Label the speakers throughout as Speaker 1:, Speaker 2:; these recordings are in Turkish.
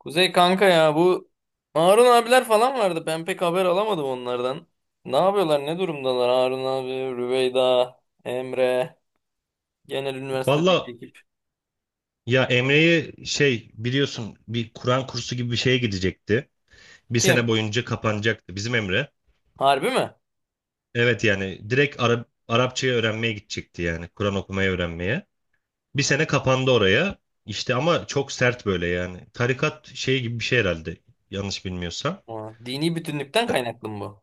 Speaker 1: Kuzey kanka, ya bu Harun abiler falan vardı. Ben pek haber alamadım onlardan. Ne yapıyorlar? Ne durumdalar? Harun abi, Rüveyda, Emre, genel üniversitedeki
Speaker 2: Valla
Speaker 1: ekip.
Speaker 2: ya, Emre'yi şey biliyorsun, bir Kur'an kursu gibi bir şeye gidecekti. Bir sene
Speaker 1: Kim?
Speaker 2: boyunca kapanacaktı bizim Emre.
Speaker 1: Harbi mi?
Speaker 2: Evet yani direkt Arapçayı öğrenmeye gidecekti yani Kur'an okumayı öğrenmeye. Bir sene kapandı oraya. İşte ama çok sert böyle yani. Tarikat şey gibi bir şey herhalde yanlış bilmiyorsam.
Speaker 1: Ha, dini bütünlükten kaynaklı mı bu?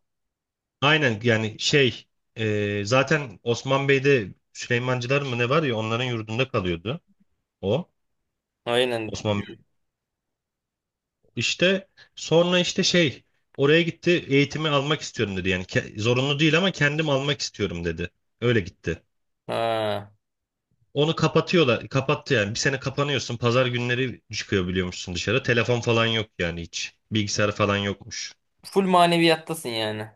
Speaker 2: Aynen yani şey, zaten Osman Bey'de Süleymancılar mı ne var ya onların yurdunda kalıyordu o.
Speaker 1: Aynen.
Speaker 2: Osman İşte sonra işte şey oraya gitti, eğitimi almak istiyorum dedi. Yani zorunlu değil ama kendim almak istiyorum dedi. Öyle gitti.
Speaker 1: Ha.
Speaker 2: Onu kapatıyorlar. Kapattı yani. Bir sene kapanıyorsun. Pazar günleri çıkıyor biliyormuşsun dışarı. Telefon falan yok yani hiç. Bilgisayar falan yokmuş.
Speaker 1: Full maneviyattasın yani.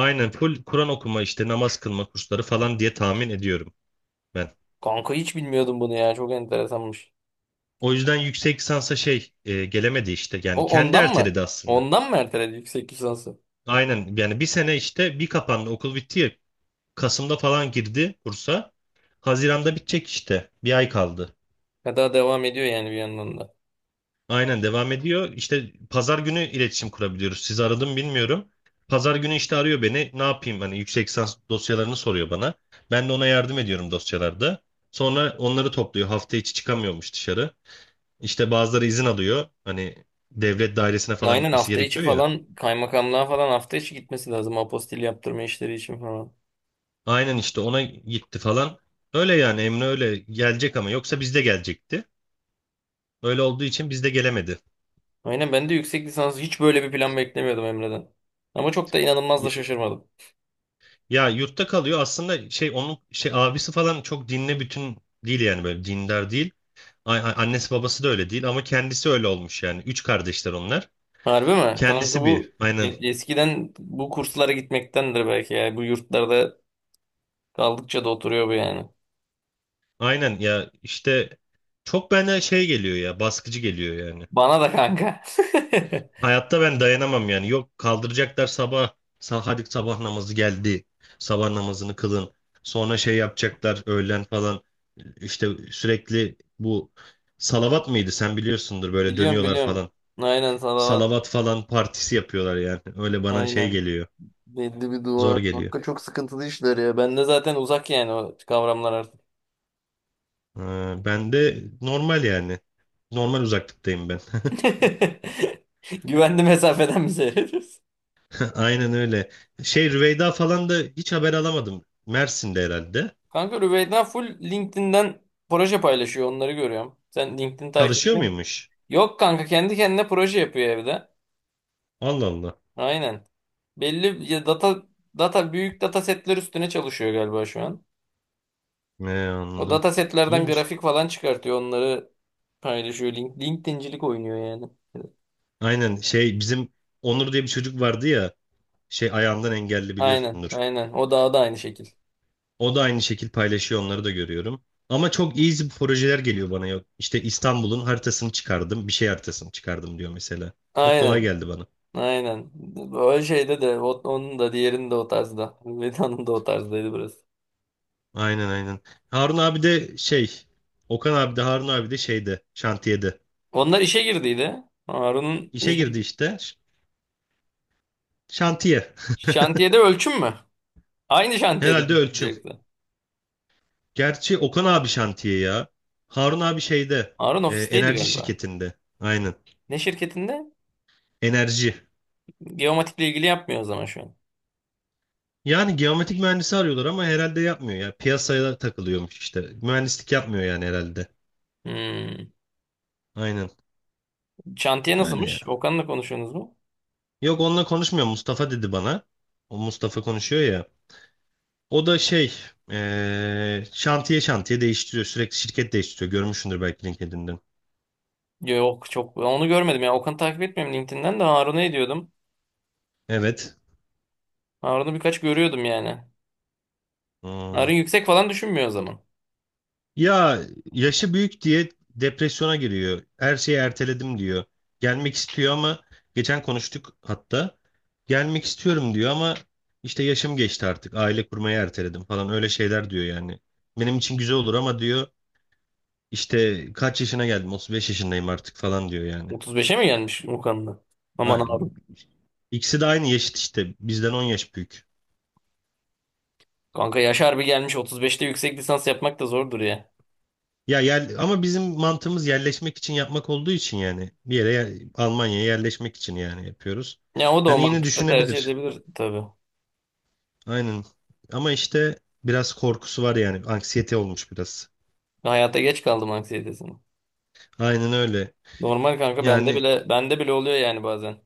Speaker 2: Aynen full Kur'an okuma işte, namaz kılma kursları falan diye tahmin ediyorum ben.
Speaker 1: Kanka, hiç bilmiyordum bunu ya. Çok enteresanmış.
Speaker 2: O yüzden yüksek lisansa şey, gelemedi işte. Yani
Speaker 1: O
Speaker 2: kendi
Speaker 1: ondan mı?
Speaker 2: erteledi aslında.
Speaker 1: Ondan mı erteledi yüksek lisansı?
Speaker 2: Aynen yani bir sene işte, bir kapandı okul bitti ya, Kasım'da falan girdi kursa. Haziran'da bitecek işte. Bir ay kaldı.
Speaker 1: Ya daha devam ediyor yani bir yandan da.
Speaker 2: Aynen devam ediyor. İşte pazar günü iletişim kurabiliyoruz. Sizi aradım bilmiyorum. Pazar günü işte arıyor beni. Ne yapayım? Hani yüksek lisans dosyalarını soruyor bana. Ben de ona yardım ediyorum dosyalarda. Sonra onları topluyor. Hafta içi çıkamıyormuş dışarı. İşte bazıları izin alıyor. Hani devlet dairesine falan
Speaker 1: Aynen,
Speaker 2: gitmesi
Speaker 1: hafta içi
Speaker 2: gerekiyor ya.
Speaker 1: falan kaymakamlığa falan hafta içi gitmesi lazım apostil yaptırma işleri için falan.
Speaker 2: Aynen işte, ona gitti falan. Öyle yani, Emre öyle gelecek ama yoksa bizde gelecekti. Öyle olduğu için bizde gelemedi.
Speaker 1: Aynen, ben de yüksek lisans hiç böyle bir plan beklemiyordum Emre'den. Ama çok da inanılmaz da şaşırmadım.
Speaker 2: Ya yurtta kalıyor aslında, şey onun şey abisi falan çok dinle bütün değil yani, böyle dindar değil. Annesi babası da öyle değil ama kendisi öyle olmuş yani. Üç kardeşler onlar.
Speaker 1: Harbi mi? Kanka,
Speaker 2: Kendisi
Speaker 1: bu
Speaker 2: aynen,
Speaker 1: eskiden bu kurslara gitmektendir belki ya. Bu yurtlarda kaldıkça da oturuyor bu yani.
Speaker 2: aynen ya işte, çok bana şey geliyor ya, baskıcı geliyor yani.
Speaker 1: Bana da kanka.
Speaker 2: Hayatta ben dayanamam yani. Yok, kaldıracaklar sabah, hadi sabah namazı geldi, sabah namazını kılın, sonra şey yapacaklar öğlen falan, işte sürekli bu salavat mıydı sen biliyorsundur, böyle
Speaker 1: Biliyorum,
Speaker 2: dönüyorlar
Speaker 1: biliyorum.
Speaker 2: falan.
Speaker 1: Aynen, salavat.
Speaker 2: Salavat falan partisi yapıyorlar yani. Öyle bana şey
Speaker 1: Aynen.
Speaker 2: geliyor.
Speaker 1: Belli bir dua.
Speaker 2: Zor geliyor.
Speaker 1: Kanka, çok sıkıntılı işler ya. Ben de zaten uzak yani o kavramlar artık.
Speaker 2: Ben de normal yani. Normal uzaklıktayım ben.
Speaker 1: Güvenli mesafeden mi seyrediyorsun?
Speaker 2: Aynen öyle. Şey Rüveyda falan da hiç haber alamadım. Mersin'de herhalde.
Speaker 1: Kanka, Rüveyda full LinkedIn'den proje paylaşıyor. Onları görüyorum. Sen LinkedIn takip
Speaker 2: Çalışıyor
Speaker 1: ediyor musun?
Speaker 2: muymuş?
Speaker 1: Yok kanka, kendi kendine proje yapıyor evde.
Speaker 2: Allah Allah.
Speaker 1: Aynen. Belli ya, data büyük data setler üstüne çalışıyor galiba şu an.
Speaker 2: Ne
Speaker 1: O
Speaker 2: anladım.
Speaker 1: data setlerden
Speaker 2: İyiymiş.
Speaker 1: grafik falan çıkartıyor. Onları paylaşıyor. Link, LinkedIn'cilik oynuyor yani.
Speaker 2: Aynen şey, bizim Onur diye bir çocuk vardı ya. Şey, ayağından engelli
Speaker 1: Aynen,
Speaker 2: biliyorsundur.
Speaker 1: aynen. O daha da aynı şekil.
Speaker 2: O da aynı şekil paylaşıyor, onları da görüyorum. Ama çok easy projeler geliyor bana, yok. İşte İstanbul'un haritasını çıkardım, bir şey haritasını çıkardım diyor mesela. Çok kolay
Speaker 1: Aynen.
Speaker 2: geldi bana.
Speaker 1: Aynen. Öyle şeyde de onun da diğerinin de o tarzda. Veda'nın da o tarzdaydı burası.
Speaker 2: Aynen, aynen. Harun abi de şey, Okan abi de Harun abi de şeyde, şantiyede.
Speaker 1: Onlar işe girdiydi. Harun'un
Speaker 2: İşe
Speaker 1: işe,
Speaker 2: girdi işte. Şantiye.
Speaker 1: şantiyede ölçüm mü? Aynı şantiyede mi
Speaker 2: Herhalde
Speaker 1: ikiniz de
Speaker 2: ölçüm.
Speaker 1: yoksa?
Speaker 2: Gerçi Okan abi şantiye ya. Harun abi şeyde,
Speaker 1: Harun ofisteydi
Speaker 2: enerji
Speaker 1: galiba.
Speaker 2: şirketinde. Aynen.
Speaker 1: Ne şirketinde?
Speaker 2: Enerji.
Speaker 1: Geomatikle ilgili yapmıyor o zaman şu an.
Speaker 2: Yani geometrik mühendisi arıyorlar ama herhalde yapmıyor ya. Piyasaya takılıyormuş işte. Mühendislik yapmıyor yani herhalde.
Speaker 1: Hmm.
Speaker 2: Aynen.
Speaker 1: Şantiye
Speaker 2: Öyle ya.
Speaker 1: nasılmış? Okan'la konuşuyorsunuz mu?
Speaker 2: Yok, onunla konuşmuyor. Mustafa dedi bana. O Mustafa konuşuyor ya. O da şey, şantiye şantiye değiştiriyor. Sürekli şirket değiştiriyor. Görmüşsündür belki LinkedIn'den.
Speaker 1: Yok, çok, ben onu görmedim ya. Okan'ı takip etmiyorum LinkedIn'den, de Harun'u ediyordum.
Speaker 2: Evet.
Speaker 1: Harun'u birkaç görüyordum yani. Harun
Speaker 2: Hmm.
Speaker 1: yüksek falan düşünmüyor o zaman.
Speaker 2: Ya, yaşı büyük diye depresyona giriyor. Her şeyi erteledim diyor. Gelmek istiyor ama, geçen konuştuk hatta. Gelmek istiyorum diyor ama işte yaşım geçti artık. Aile kurmayı erteledim falan, öyle şeyler diyor yani. Benim için güzel olur ama diyor, işte kaç yaşına geldim? 35 yaşındayım artık falan diyor yani.
Speaker 1: 35'e mi gelmiş Okan'la? Aman
Speaker 2: Ha,
Speaker 1: Harun.
Speaker 2: İkisi de aynı yaşıt işte. Bizden 10 yaş büyük.
Speaker 1: Kanka yaş harbi gelmiş, 35'te yüksek lisans yapmak da zordur ya.
Speaker 2: Ya, ama bizim mantığımız yerleşmek için yapmak olduğu için yani, bir yere Almanya'ya yerleşmek için yani yapıyoruz.
Speaker 1: Ya o da o
Speaker 2: Yani yine
Speaker 1: mantıkta tercih
Speaker 2: düşünebilir.
Speaker 1: edebilir tabii.
Speaker 2: Aynen. Ama işte biraz korkusu var yani. Anksiyete olmuş biraz.
Speaker 1: Hayata geç kaldım anksiyetesini.
Speaker 2: Aynen öyle.
Speaker 1: Normal kanka, bende
Speaker 2: Yani
Speaker 1: bile bende bile oluyor yani bazen.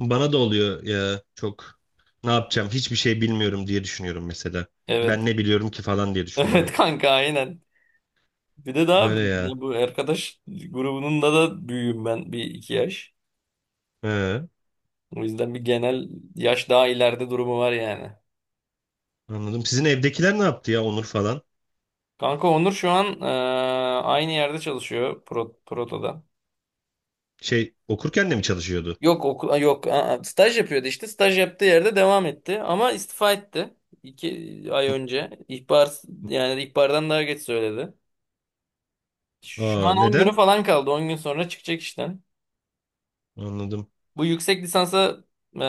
Speaker 2: bana da oluyor ya, çok ne yapacağım hiçbir şey bilmiyorum diye düşünüyorum mesela.
Speaker 1: Evet.
Speaker 2: Ben ne biliyorum ki falan diye
Speaker 1: Evet
Speaker 2: düşünüyorum.
Speaker 1: kanka, aynen. Bir de daha
Speaker 2: Öyle ya.
Speaker 1: ya bu arkadaş grubunun da büyüğüm ben bir iki yaş.
Speaker 2: He,
Speaker 1: O yüzden bir genel yaş daha ileride durumu var yani.
Speaker 2: anladım. Sizin evdekiler ne yaptı ya, Onur falan?
Speaker 1: Kanka Onur şu an aynı yerde çalışıyor Proto'da.
Speaker 2: Şey, okurken de mi çalışıyordu?
Speaker 1: Yok okul yok staj yapıyordu, işte staj yaptığı yerde devam etti ama istifa etti iki ay önce, ihbar yani ihbardan daha geç söyledi. Şu
Speaker 2: Aa,
Speaker 1: an 10 günü
Speaker 2: neden?
Speaker 1: falan kaldı, 10 gün sonra çıkacak işten.
Speaker 2: Anladım.
Speaker 1: Bu yüksek lisansa e,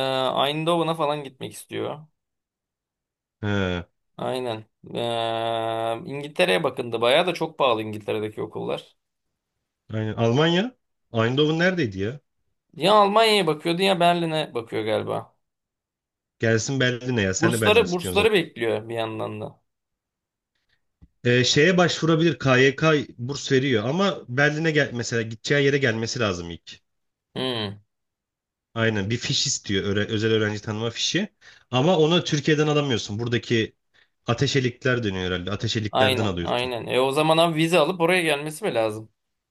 Speaker 1: Eindhoven'a falan gitmek istiyor.
Speaker 2: He.
Speaker 1: Aynen. İngiltere'ye bakındı bayağı, da çok pahalı İngiltere'deki okullar.
Speaker 2: Aynen. Almanya. Eindhoven neredeydi ya?
Speaker 1: Ya Almanya'ya bakıyordu, ya Berlin'e bakıyor galiba.
Speaker 2: Gelsin Berlin'e ya. Sen de Berlin
Speaker 1: Bursları,
Speaker 2: istiyorsun
Speaker 1: bursları
Speaker 2: zaten.
Speaker 1: bekliyor bir yandan da.
Speaker 2: Şeye başvurabilir. KYK burs veriyor ama, Berlin'e gel mesela, gideceği yere gelmesi lazım ilk.
Speaker 1: Hmm.
Speaker 2: Aynen, bir fiş istiyor. Özel öğrenci tanıma fişi. Ama onu Türkiye'den alamıyorsun. Buradaki ateşelikler dönüyor herhalde. Ateşeliklerden
Speaker 1: Aynen,
Speaker 2: alıyorsun.
Speaker 1: aynen. E o zaman abi, vize alıp oraya gelmesi mi lazım?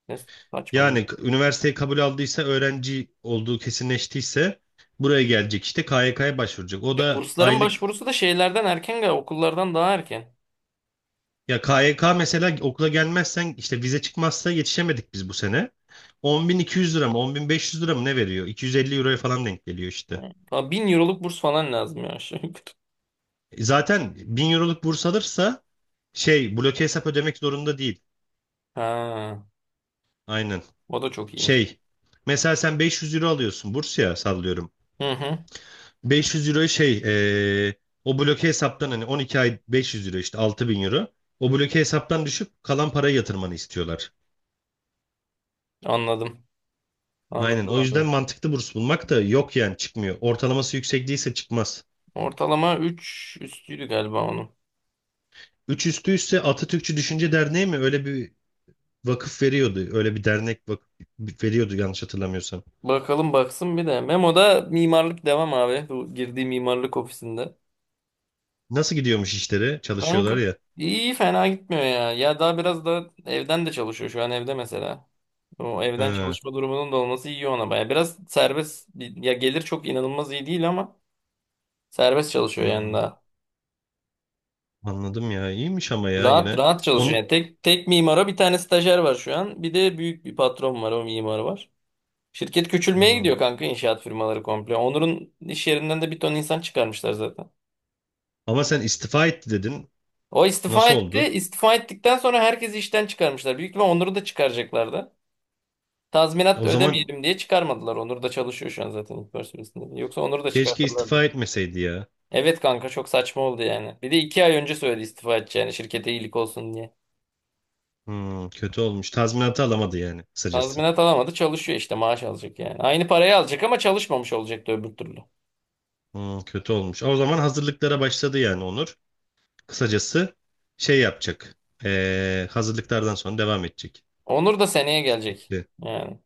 Speaker 1: Ne saçma
Speaker 2: Yani
Speaker 1: bir.
Speaker 2: üniversiteye kabul aldıysa, öğrenci olduğu kesinleştiyse buraya gelecek işte, KYK'ya başvuracak. O
Speaker 1: Ya
Speaker 2: da
Speaker 1: bursların
Speaker 2: aylık.
Speaker 1: başvurusu da şeylerden erken galiba, okullardan daha erken.
Speaker 2: Ya KYK mesela, okula gelmezsen işte, vize çıkmazsa yetişemedik biz bu sene. 10.200 lira mı 10.500 lira mı ne veriyor? 250 euroya falan denk geliyor işte.
Speaker 1: Ha, 1000 euroluk burs falan lazım ya, aşağı yukarı.
Speaker 2: Zaten 1.000 euroluk burs alırsa şey, bloke hesap ödemek zorunda değil.
Speaker 1: Ha,
Speaker 2: Aynen.
Speaker 1: o da çok iyiymiş.
Speaker 2: Şey, mesela sen 500 euro alıyorsun burs ya, sallıyorum.
Speaker 1: Hı hı,
Speaker 2: 500 euroyu şey, o bloke hesaptan hani 12 ay 500 euro işte 6.000 euro. O bloke hesaptan düşüp kalan parayı yatırmanı istiyorlar.
Speaker 1: anladım.
Speaker 2: Aynen.
Speaker 1: Anladım
Speaker 2: O yüzden
Speaker 1: abi.
Speaker 2: mantıklı burs bulmak da yok yani, çıkmıyor. Ortalaması yüksek değilse çıkmaz.
Speaker 1: Ortalama 3 üstüydü galiba onun.
Speaker 2: Üç üstüyse Atatürkçü Düşünce Derneği mi? Öyle bir vakıf veriyordu. Öyle bir dernek vakıf veriyordu yanlış hatırlamıyorsam.
Speaker 1: Bakalım, baksın bir de. Memo'da mimarlık devam abi. Bu girdiği mimarlık ofisinde.
Speaker 2: Nasıl gidiyormuş işleri?
Speaker 1: Kanka
Speaker 2: Çalışıyorlar ya.
Speaker 1: iyi, fena gitmiyor ya. Ya daha biraz da evden de çalışıyor şu an, evde mesela. O evden
Speaker 2: Ha,
Speaker 1: çalışma durumunun da olması iyi ona baya. Biraz serbest ya, gelir çok inanılmaz iyi değil ama serbest çalışıyor yani
Speaker 2: hmm,
Speaker 1: daha.
Speaker 2: anladım ya. İyiymiş ama, ya
Speaker 1: Rahat
Speaker 2: yine.
Speaker 1: rahat çalışıyor
Speaker 2: Onun,
Speaker 1: yani, tek tek mimara bir tane stajyer var şu an. Bir de büyük bir patron var, o mimar var. Şirket küçülmeye
Speaker 2: hmm.
Speaker 1: gidiyor kanka, inşaat firmaları komple. Onur'un iş yerinden de bir ton insan çıkarmışlar zaten.
Speaker 2: Ama sen istifa etti dedin.
Speaker 1: O istifa
Speaker 2: Nasıl
Speaker 1: etti.
Speaker 2: oldu?
Speaker 1: İstifa ettikten sonra herkesi işten çıkarmışlar. Büyük ihtimal Onur'u da çıkaracaklardı. Tazminat
Speaker 2: O zaman
Speaker 1: ödemeyelim diye çıkarmadılar. Onur da çalışıyor şu an zaten ilk personelinde. Yoksa Onur'u da
Speaker 2: keşke istifa
Speaker 1: çıkartırlardı.
Speaker 2: etmeseydi ya.
Speaker 1: Evet kanka, çok saçma oldu yani. Bir de iki ay önce söyledi istifa edeceğini şirkete iyilik olsun diye.
Speaker 2: Hmm, kötü olmuş. Tazminatı alamadı yani kısacası.
Speaker 1: Tazminat alamadı, çalışıyor işte, maaş alacak yani. Aynı parayı alacak ama çalışmamış olacaktı öbür türlü.
Speaker 2: Hmm, kötü olmuş. O zaman hazırlıklara başladı yani Onur. Kısacası şey yapacak. Hazırlıklardan sonra devam edecek.
Speaker 1: Onur da seneye gelecek.
Speaker 2: Şimdi
Speaker 1: Yani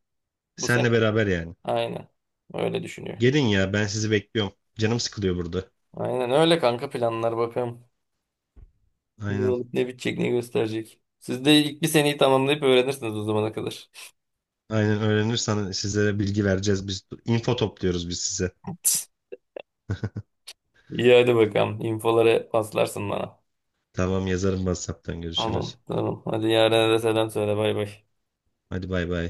Speaker 1: bu sene.
Speaker 2: senle beraber yani.
Speaker 1: Aynen. Öyle düşünüyor.
Speaker 2: Gelin ya, ben sizi bekliyorum. Canım sıkılıyor burada.
Speaker 1: Aynen öyle kanka, planlar bakalım. Ne
Speaker 2: Aynen.
Speaker 1: olup ne bitecek, ne gösterecek. Siz de ilk bir seneyi tamamlayıp öğrenirsiniz o zamana kadar.
Speaker 2: Aynen, öğrenirsen sizlere bilgi vereceğiz. Biz info topluyoruz biz, size.
Speaker 1: İyi hadi bakalım. İnfoları paslarsın bana.
Speaker 2: Tamam, yazarım WhatsApp'tan görüşürüz.
Speaker 1: Tamam, tamam. Hadi, yarın da selam söyle, bay bay.
Speaker 2: Hadi bay bay.